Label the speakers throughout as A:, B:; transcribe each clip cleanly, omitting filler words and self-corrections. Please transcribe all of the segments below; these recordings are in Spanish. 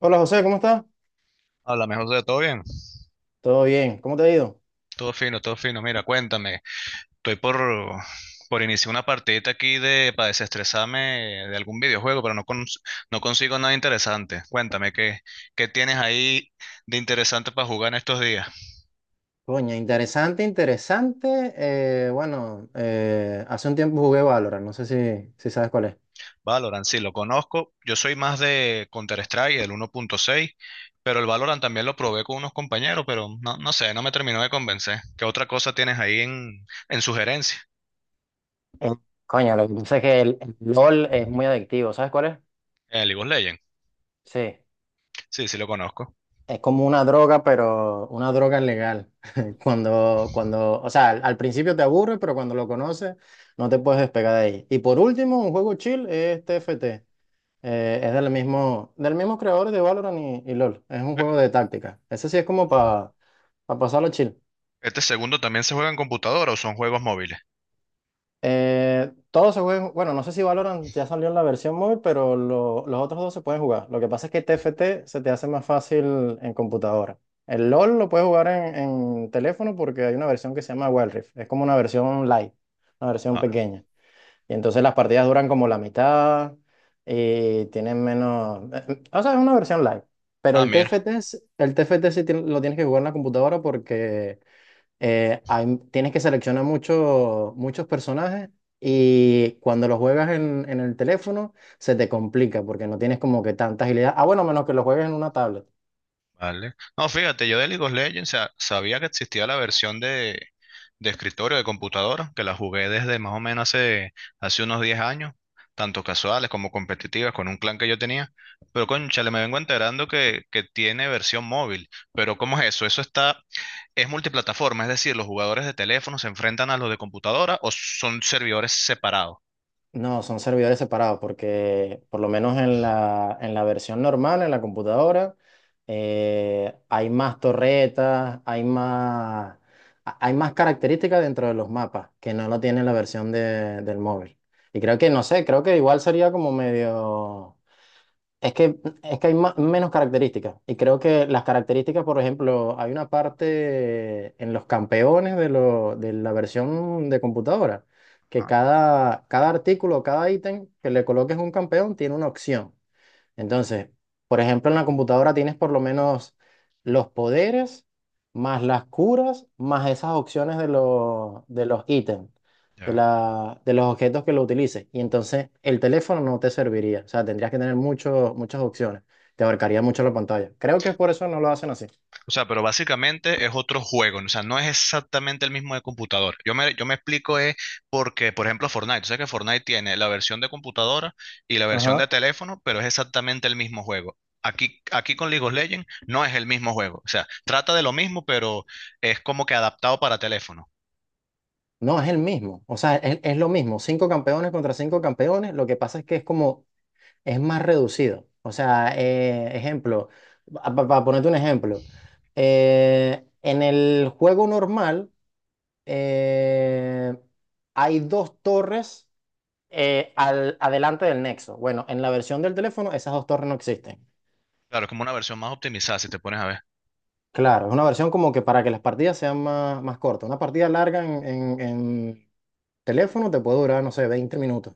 A: Hola José, ¿cómo estás?
B: Habla mejor de todo bien.
A: Todo bien, ¿cómo te ha ido?
B: Todo fino, todo fino. Mira, cuéntame. Estoy por iniciar una partidita aquí de para desestresarme de algún videojuego, pero no, no consigo nada interesante. Cuéntame, ¿qué tienes ahí de interesante para jugar en estos días?
A: Coña, interesante, interesante. Bueno, hace un tiempo jugué Valorant, no sé si sabes cuál es.
B: Valorant, sí, lo conozco. Yo soy más de Counter-Strike, el 1.6, pero el Valorant también lo probé con unos compañeros, pero no, no sé, no me terminó de convencer. ¿Qué otra cosa tienes ahí en sugerencia?
A: Eh, Coño, lo que pasa es que el LOL es muy adictivo, ¿sabes cuál es?
B: El League of Legends.
A: Sí,
B: Sí, sí, lo conozco.
A: es como una droga, pero una droga legal. O sea, al principio te aburre, pero cuando lo conoces no te puedes despegar de ahí. Y por último, un juego chill es TFT. Es del mismo creador de Valorant y LOL. Es un juego de táctica. Ese sí es como para pasarlo chill.
B: ¿Este segundo también se juega en computadora o son juegos móviles?
A: Todos se juegan, bueno, no sé si Valorant ya salió en la versión móvil, pero los otros dos se pueden jugar. Lo que pasa es que TFT se te hace más fácil en computadora. El LOL lo puedes jugar en teléfono porque hay una versión que se llama Wild Rift. Es como una versión light, una versión
B: Ah,
A: pequeña. Y entonces las partidas duran como la mitad y tienen menos. O sea, es una versión live. Pero
B: ah,
A: el T
B: mira,
A: F T es- el T TFT lo tienes que jugar en la computadora porque tienes que seleccionar muchos personajes y cuando lo juegas en el teléfono se te complica porque no tienes como que tanta agilidad. Ah, bueno, menos que lo juegues en una tablet.
B: vale. No, fíjate, yo de League of Legends sabía que existía la versión de escritorio de computadora, que la jugué desde más o menos hace unos 10 años, tanto casuales como competitivas, con un clan que yo tenía. Pero cónchale, me vengo enterando que tiene versión móvil. Pero ¿cómo es eso? Eso está, es multiplataforma, es decir, los jugadores de teléfono se enfrentan a los de computadora o son servidores separados.
A: No, son servidores separados porque por lo menos en la versión normal, en la computadora, hay más torretas, hay más características dentro de los mapas que no lo tiene la versión del móvil. Y creo que, no sé, creo que igual sería como medio... Es que hay menos características. Y creo que las características, por ejemplo, hay una parte en los campeones de, de la versión de computadora, que
B: Ah,
A: cada artículo, cada ítem que le coloques un campeón tiene una opción. Entonces, por ejemplo, en la computadora tienes por lo menos los poderes, más las curas, más esas opciones de los ítems, de
B: ya.
A: de los objetos que lo utilices. Y entonces el teléfono no te serviría. O sea, tendrías que tener muchas opciones. Te abarcaría mucho la pantalla. Creo que por eso no lo hacen así.
B: O sea, pero básicamente es otro juego, ¿no? O sea, no es exactamente el mismo de computador. Yo me explico es porque, por ejemplo, Fortnite, tú sabes que Fortnite tiene la versión de computadora y la versión de
A: Ajá.
B: teléfono, pero es exactamente el mismo juego. Aquí con League of Legends no es el mismo juego, o sea, trata de lo mismo, pero es como que adaptado para teléfono.
A: No, es el mismo. O sea, es lo mismo. Cinco campeones contra cinco campeones. Lo que pasa es que es como es más reducido. Para ponerte un ejemplo, en el juego normal eh, hay dos torres adelante del nexo. Bueno, en la versión del teléfono esas dos torres no existen.
B: Claro, es como una versión más optimizada, si te pones a ver.
A: Claro, es una versión como que para que las partidas sean más cortas. Una partida larga en, en teléfono te puede durar, no sé, 20 minutos.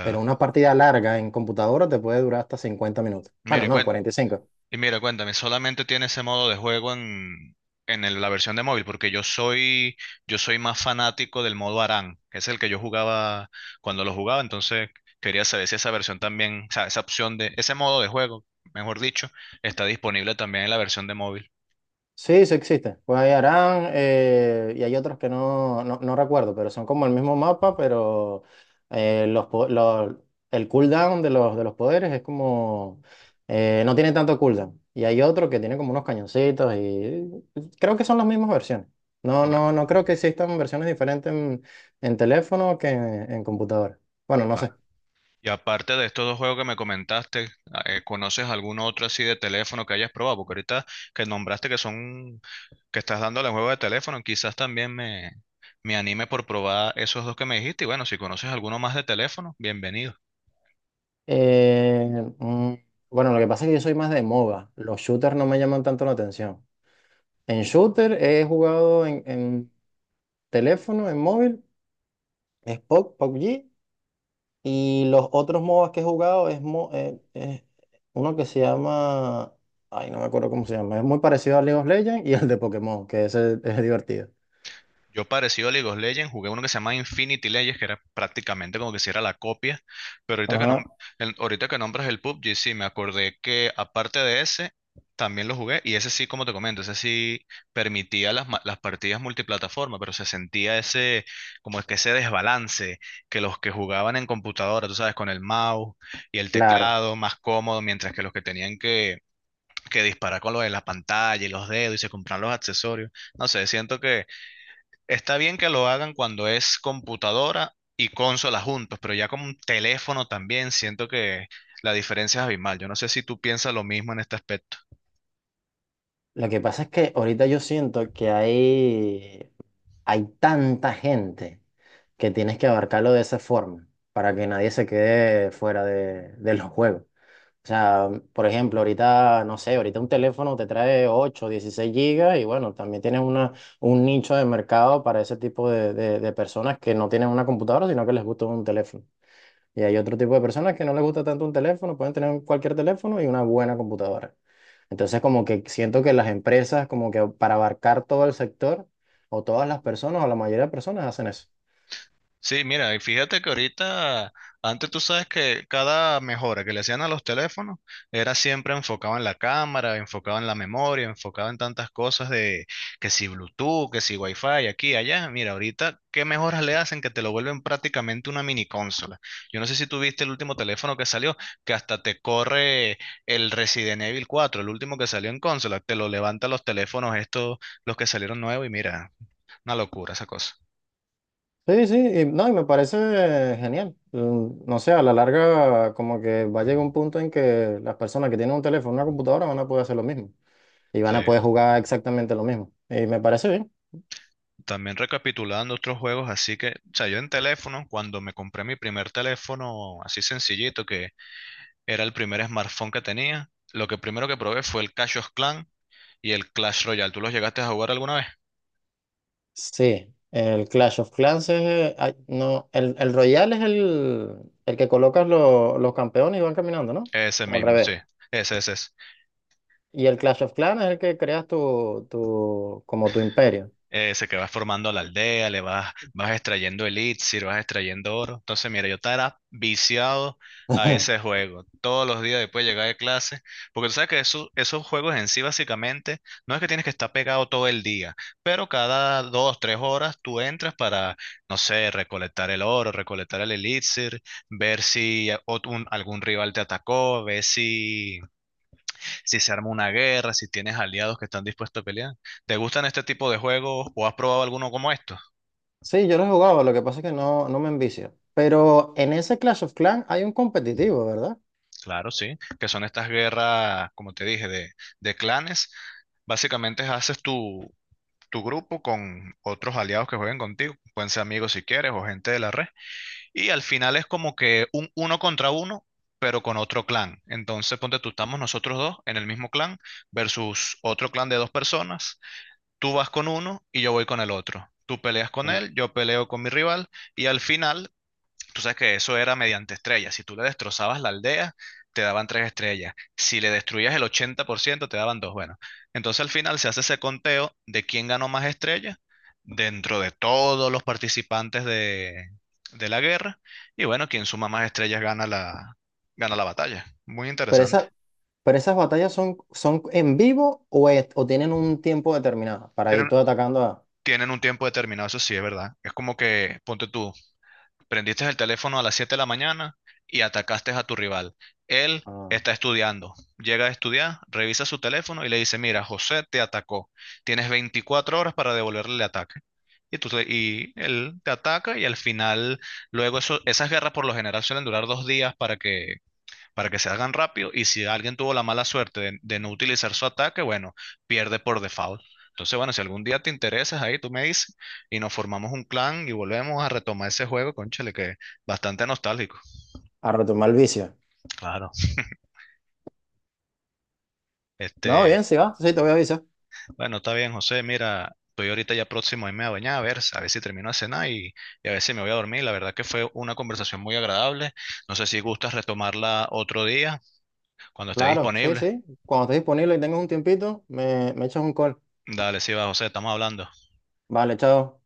A: Pero una partida larga en computadora te puede durar hasta 50 minutos. Bueno,
B: Mira, y
A: no,
B: cuéntame.
A: 45.
B: Y mira, cuéntame, ¿solamente tiene ese modo de juego en la versión de móvil? Porque yo soy más fanático del modo ARAN, que es el que yo jugaba cuando lo jugaba, entonces quería saber si esa versión también, o sea, esa opción de, ese modo de juego, mejor dicho, está disponible también en la versión de móvil.
A: Sí, sí existe. Pues hay Arán y hay otros que no recuerdo, pero son como el mismo mapa, pero eh, los, po- los- el cooldown de los poderes es como... no tiene tanto cooldown. Y hay otro que tiene como unos cañoncitos y creo que son las mismas versiones.
B: Va-
A: No creo que existan versiones diferentes en, en computadora. Bueno, no
B: va.
A: sé.
B: Y aparte de estos dos juegos que me comentaste, ah, ¿conoces algún otro así de teléfono que hayas probado? Porque ahorita que nombraste que son que estás dándole al juego de teléfono, quizás también me anime por probar esos dos que me dijiste. Y bueno, si conoces alguno más de teléfono, bienvenido.
A: Eh, mm, bueno, lo que pasa es que yo soy más de MOBA. Los shooters no me llaman tanto la atención. En shooter he jugado en, en móvil, es PUBG, y los otros MOBAs que he jugado es, es uno que se llama, ay, no me acuerdo cómo se llama, es muy parecido al League of Legends y al de Pokémon, que ese es divertido.
B: Yo parecido a League of Legends, jugué uno que se llama Infinity Legends, que era prácticamente como que si era la copia, pero ahorita que,
A: Ajá,
B: ahorita que nombras el PUBG, sí, me acordé que aparte de ese, también lo jugué, y ese sí, como te comento, ese sí permitía las, las partidas multiplataforma, pero se sentía ese, como es que ese desbalance, que los que jugaban en computadora, tú sabes, con el mouse y el
A: claro.
B: teclado más cómodo, mientras que los que tenían que disparar con lo de la pantalla y los dedos y se compraban los accesorios, no sé, siento. Está bien que lo hagan cuando es computadora y consola juntos, pero ya como un teléfono también siento que la diferencia es abismal. Yo no sé si tú piensas lo mismo en este aspecto.
A: Lo que pasa es que ahorita yo siento que hay tanta gente que tienes que abarcarlo de esa forma para que nadie se quede fuera de los juegos. O sea, por ejemplo, ahorita, no sé, ahorita un teléfono te trae 8 16 gigas y bueno, también tienes una, un nicho de mercado para ese tipo de, de personas que no tienen una computadora, sino que les gusta un teléfono. Y hay otro tipo de personas que no les gusta tanto un teléfono, pueden tener cualquier teléfono y una buena computadora. Entonces, como que siento que las empresas, como que para abarcar todo el sector o todas las personas o la mayoría de personas hacen eso.
B: Sí, mira, y fíjate que ahorita, antes tú sabes que cada mejora que le hacían a los teléfonos era siempre enfocado en la cámara, enfocado en la memoria, enfocado en tantas cosas de que si Bluetooth, que si Wi-Fi, aquí, allá. Mira, ahorita, ¿qué mejoras le hacen que te lo vuelven prácticamente una mini consola? Yo no sé si tú viste el último teléfono que salió, que hasta te corre el Resident Evil 4, el último que salió en consola, te lo levanta los teléfonos estos, los que salieron nuevos, y mira, una locura esa cosa.
A: Sí, sí, y, no, y me parece genial. No sé, a la larga como que va a llegar un punto en que las personas que tienen un teléfono, una computadora van a poder hacer lo mismo y van
B: Sí.
A: a poder jugar exactamente lo mismo. Y me parece bien.
B: También recapitulando otros juegos, así que, o sea, yo en teléfono, cuando me compré mi primer teléfono así sencillito, que era el primer smartphone que tenía, lo que primero que probé fue el Clash of Clans y el Clash Royale. ¿Tú los llegaste a jugar alguna vez?
A: Sí, el Clash of Clans es, ay, no, el Royale es el que colocas los campeones y van caminando, ¿no?
B: Ese
A: O al
B: mismo, sí.
A: revés.
B: Ese, ese,
A: Y el Clash of Clans es el que creas como tu imperio.
B: ese que vas formando la aldea, le vas, vas extrayendo elixir, vas extrayendo oro. Entonces, mira, yo estaba viciado a ese juego. Todos los días después de llegar de clase, porque tú sabes que esos juegos en sí básicamente no es que tienes que estar pegado todo el día, pero cada dos, tres horas tú entras para, no sé, recolectar el oro, recolectar el elixir, ver si algún rival te atacó, ver si se arma una guerra, si tienes aliados que están dispuestos a pelear. ¿Te gustan este tipo de juegos o has probado alguno como estos?
A: Sí, yo lo he jugado, lo que pasa es que no me envicia. Pero en ese Clash of Clans hay un competitivo, ¿verdad?
B: Claro, sí, que son estas guerras, como te dije, de clanes. Básicamente haces tu grupo con otros aliados que jueguen contigo, pueden ser amigos si quieres o gente de la red, y al final es como que un uno contra uno, pero con otro clan. Entonces, ponte tú, estamos nosotros dos en el mismo clan versus otro clan de dos personas. Tú vas con uno y yo voy con el otro. Tú peleas con
A: Oh.
B: él, yo peleo con mi rival y al final, tú sabes que eso era mediante estrellas. Si tú le destrozabas la aldea, te daban tres estrellas. Si le destruías el 80%, te daban dos. Bueno, entonces al final se hace ese conteo de quién ganó más estrellas dentro de todos los participantes de la guerra. Y bueno, quien suma más estrellas gana la batalla. Muy
A: Pero,
B: interesante.
A: esa, pero esas batallas son, son en vivo o, o tienen un tiempo determinado para ir
B: Tienen,
A: tú atacando a,
B: tienen un tiempo determinado, eso sí es verdad. Es como que, ponte tú, prendiste el teléfono a las 7 de la mañana y atacaste a tu rival. Él
A: Ah,
B: está estudiando. Llega a estudiar, revisa su teléfono y le dice, mira, José te atacó. Tienes 24 horas para devolverle el ataque. Y, tú te- y él te ataca y al final, luego eso, esas guerras por lo general suelen durar 2 días para que se hagan rápido. Y si alguien tuvo la mala suerte de no utilizar su ataque, bueno, pierde por default. Entonces, bueno, si algún día te interesas ahí, tú me dices y nos formamos un clan y volvemos a retomar ese juego, cónchale que es bastante nostálgico.
A: a retomar el vicio.
B: Claro.
A: No, bien,
B: Este,
A: sí va, sí, te voy a avisar.
B: bueno, está bien, José, mira, estoy ahorita ya próximo a irme a bañar, a ver si termino de cenar y a ver si me voy a dormir. La verdad que fue una conversación muy agradable. No sé si gustas retomarla otro día, cuando esté
A: Claro, sí,
B: disponible.
A: sí. Cuando estés disponible y tengas un tiempito, me echas un call.
B: Dale, sí va, José, estamos hablando.
A: Vale, chao.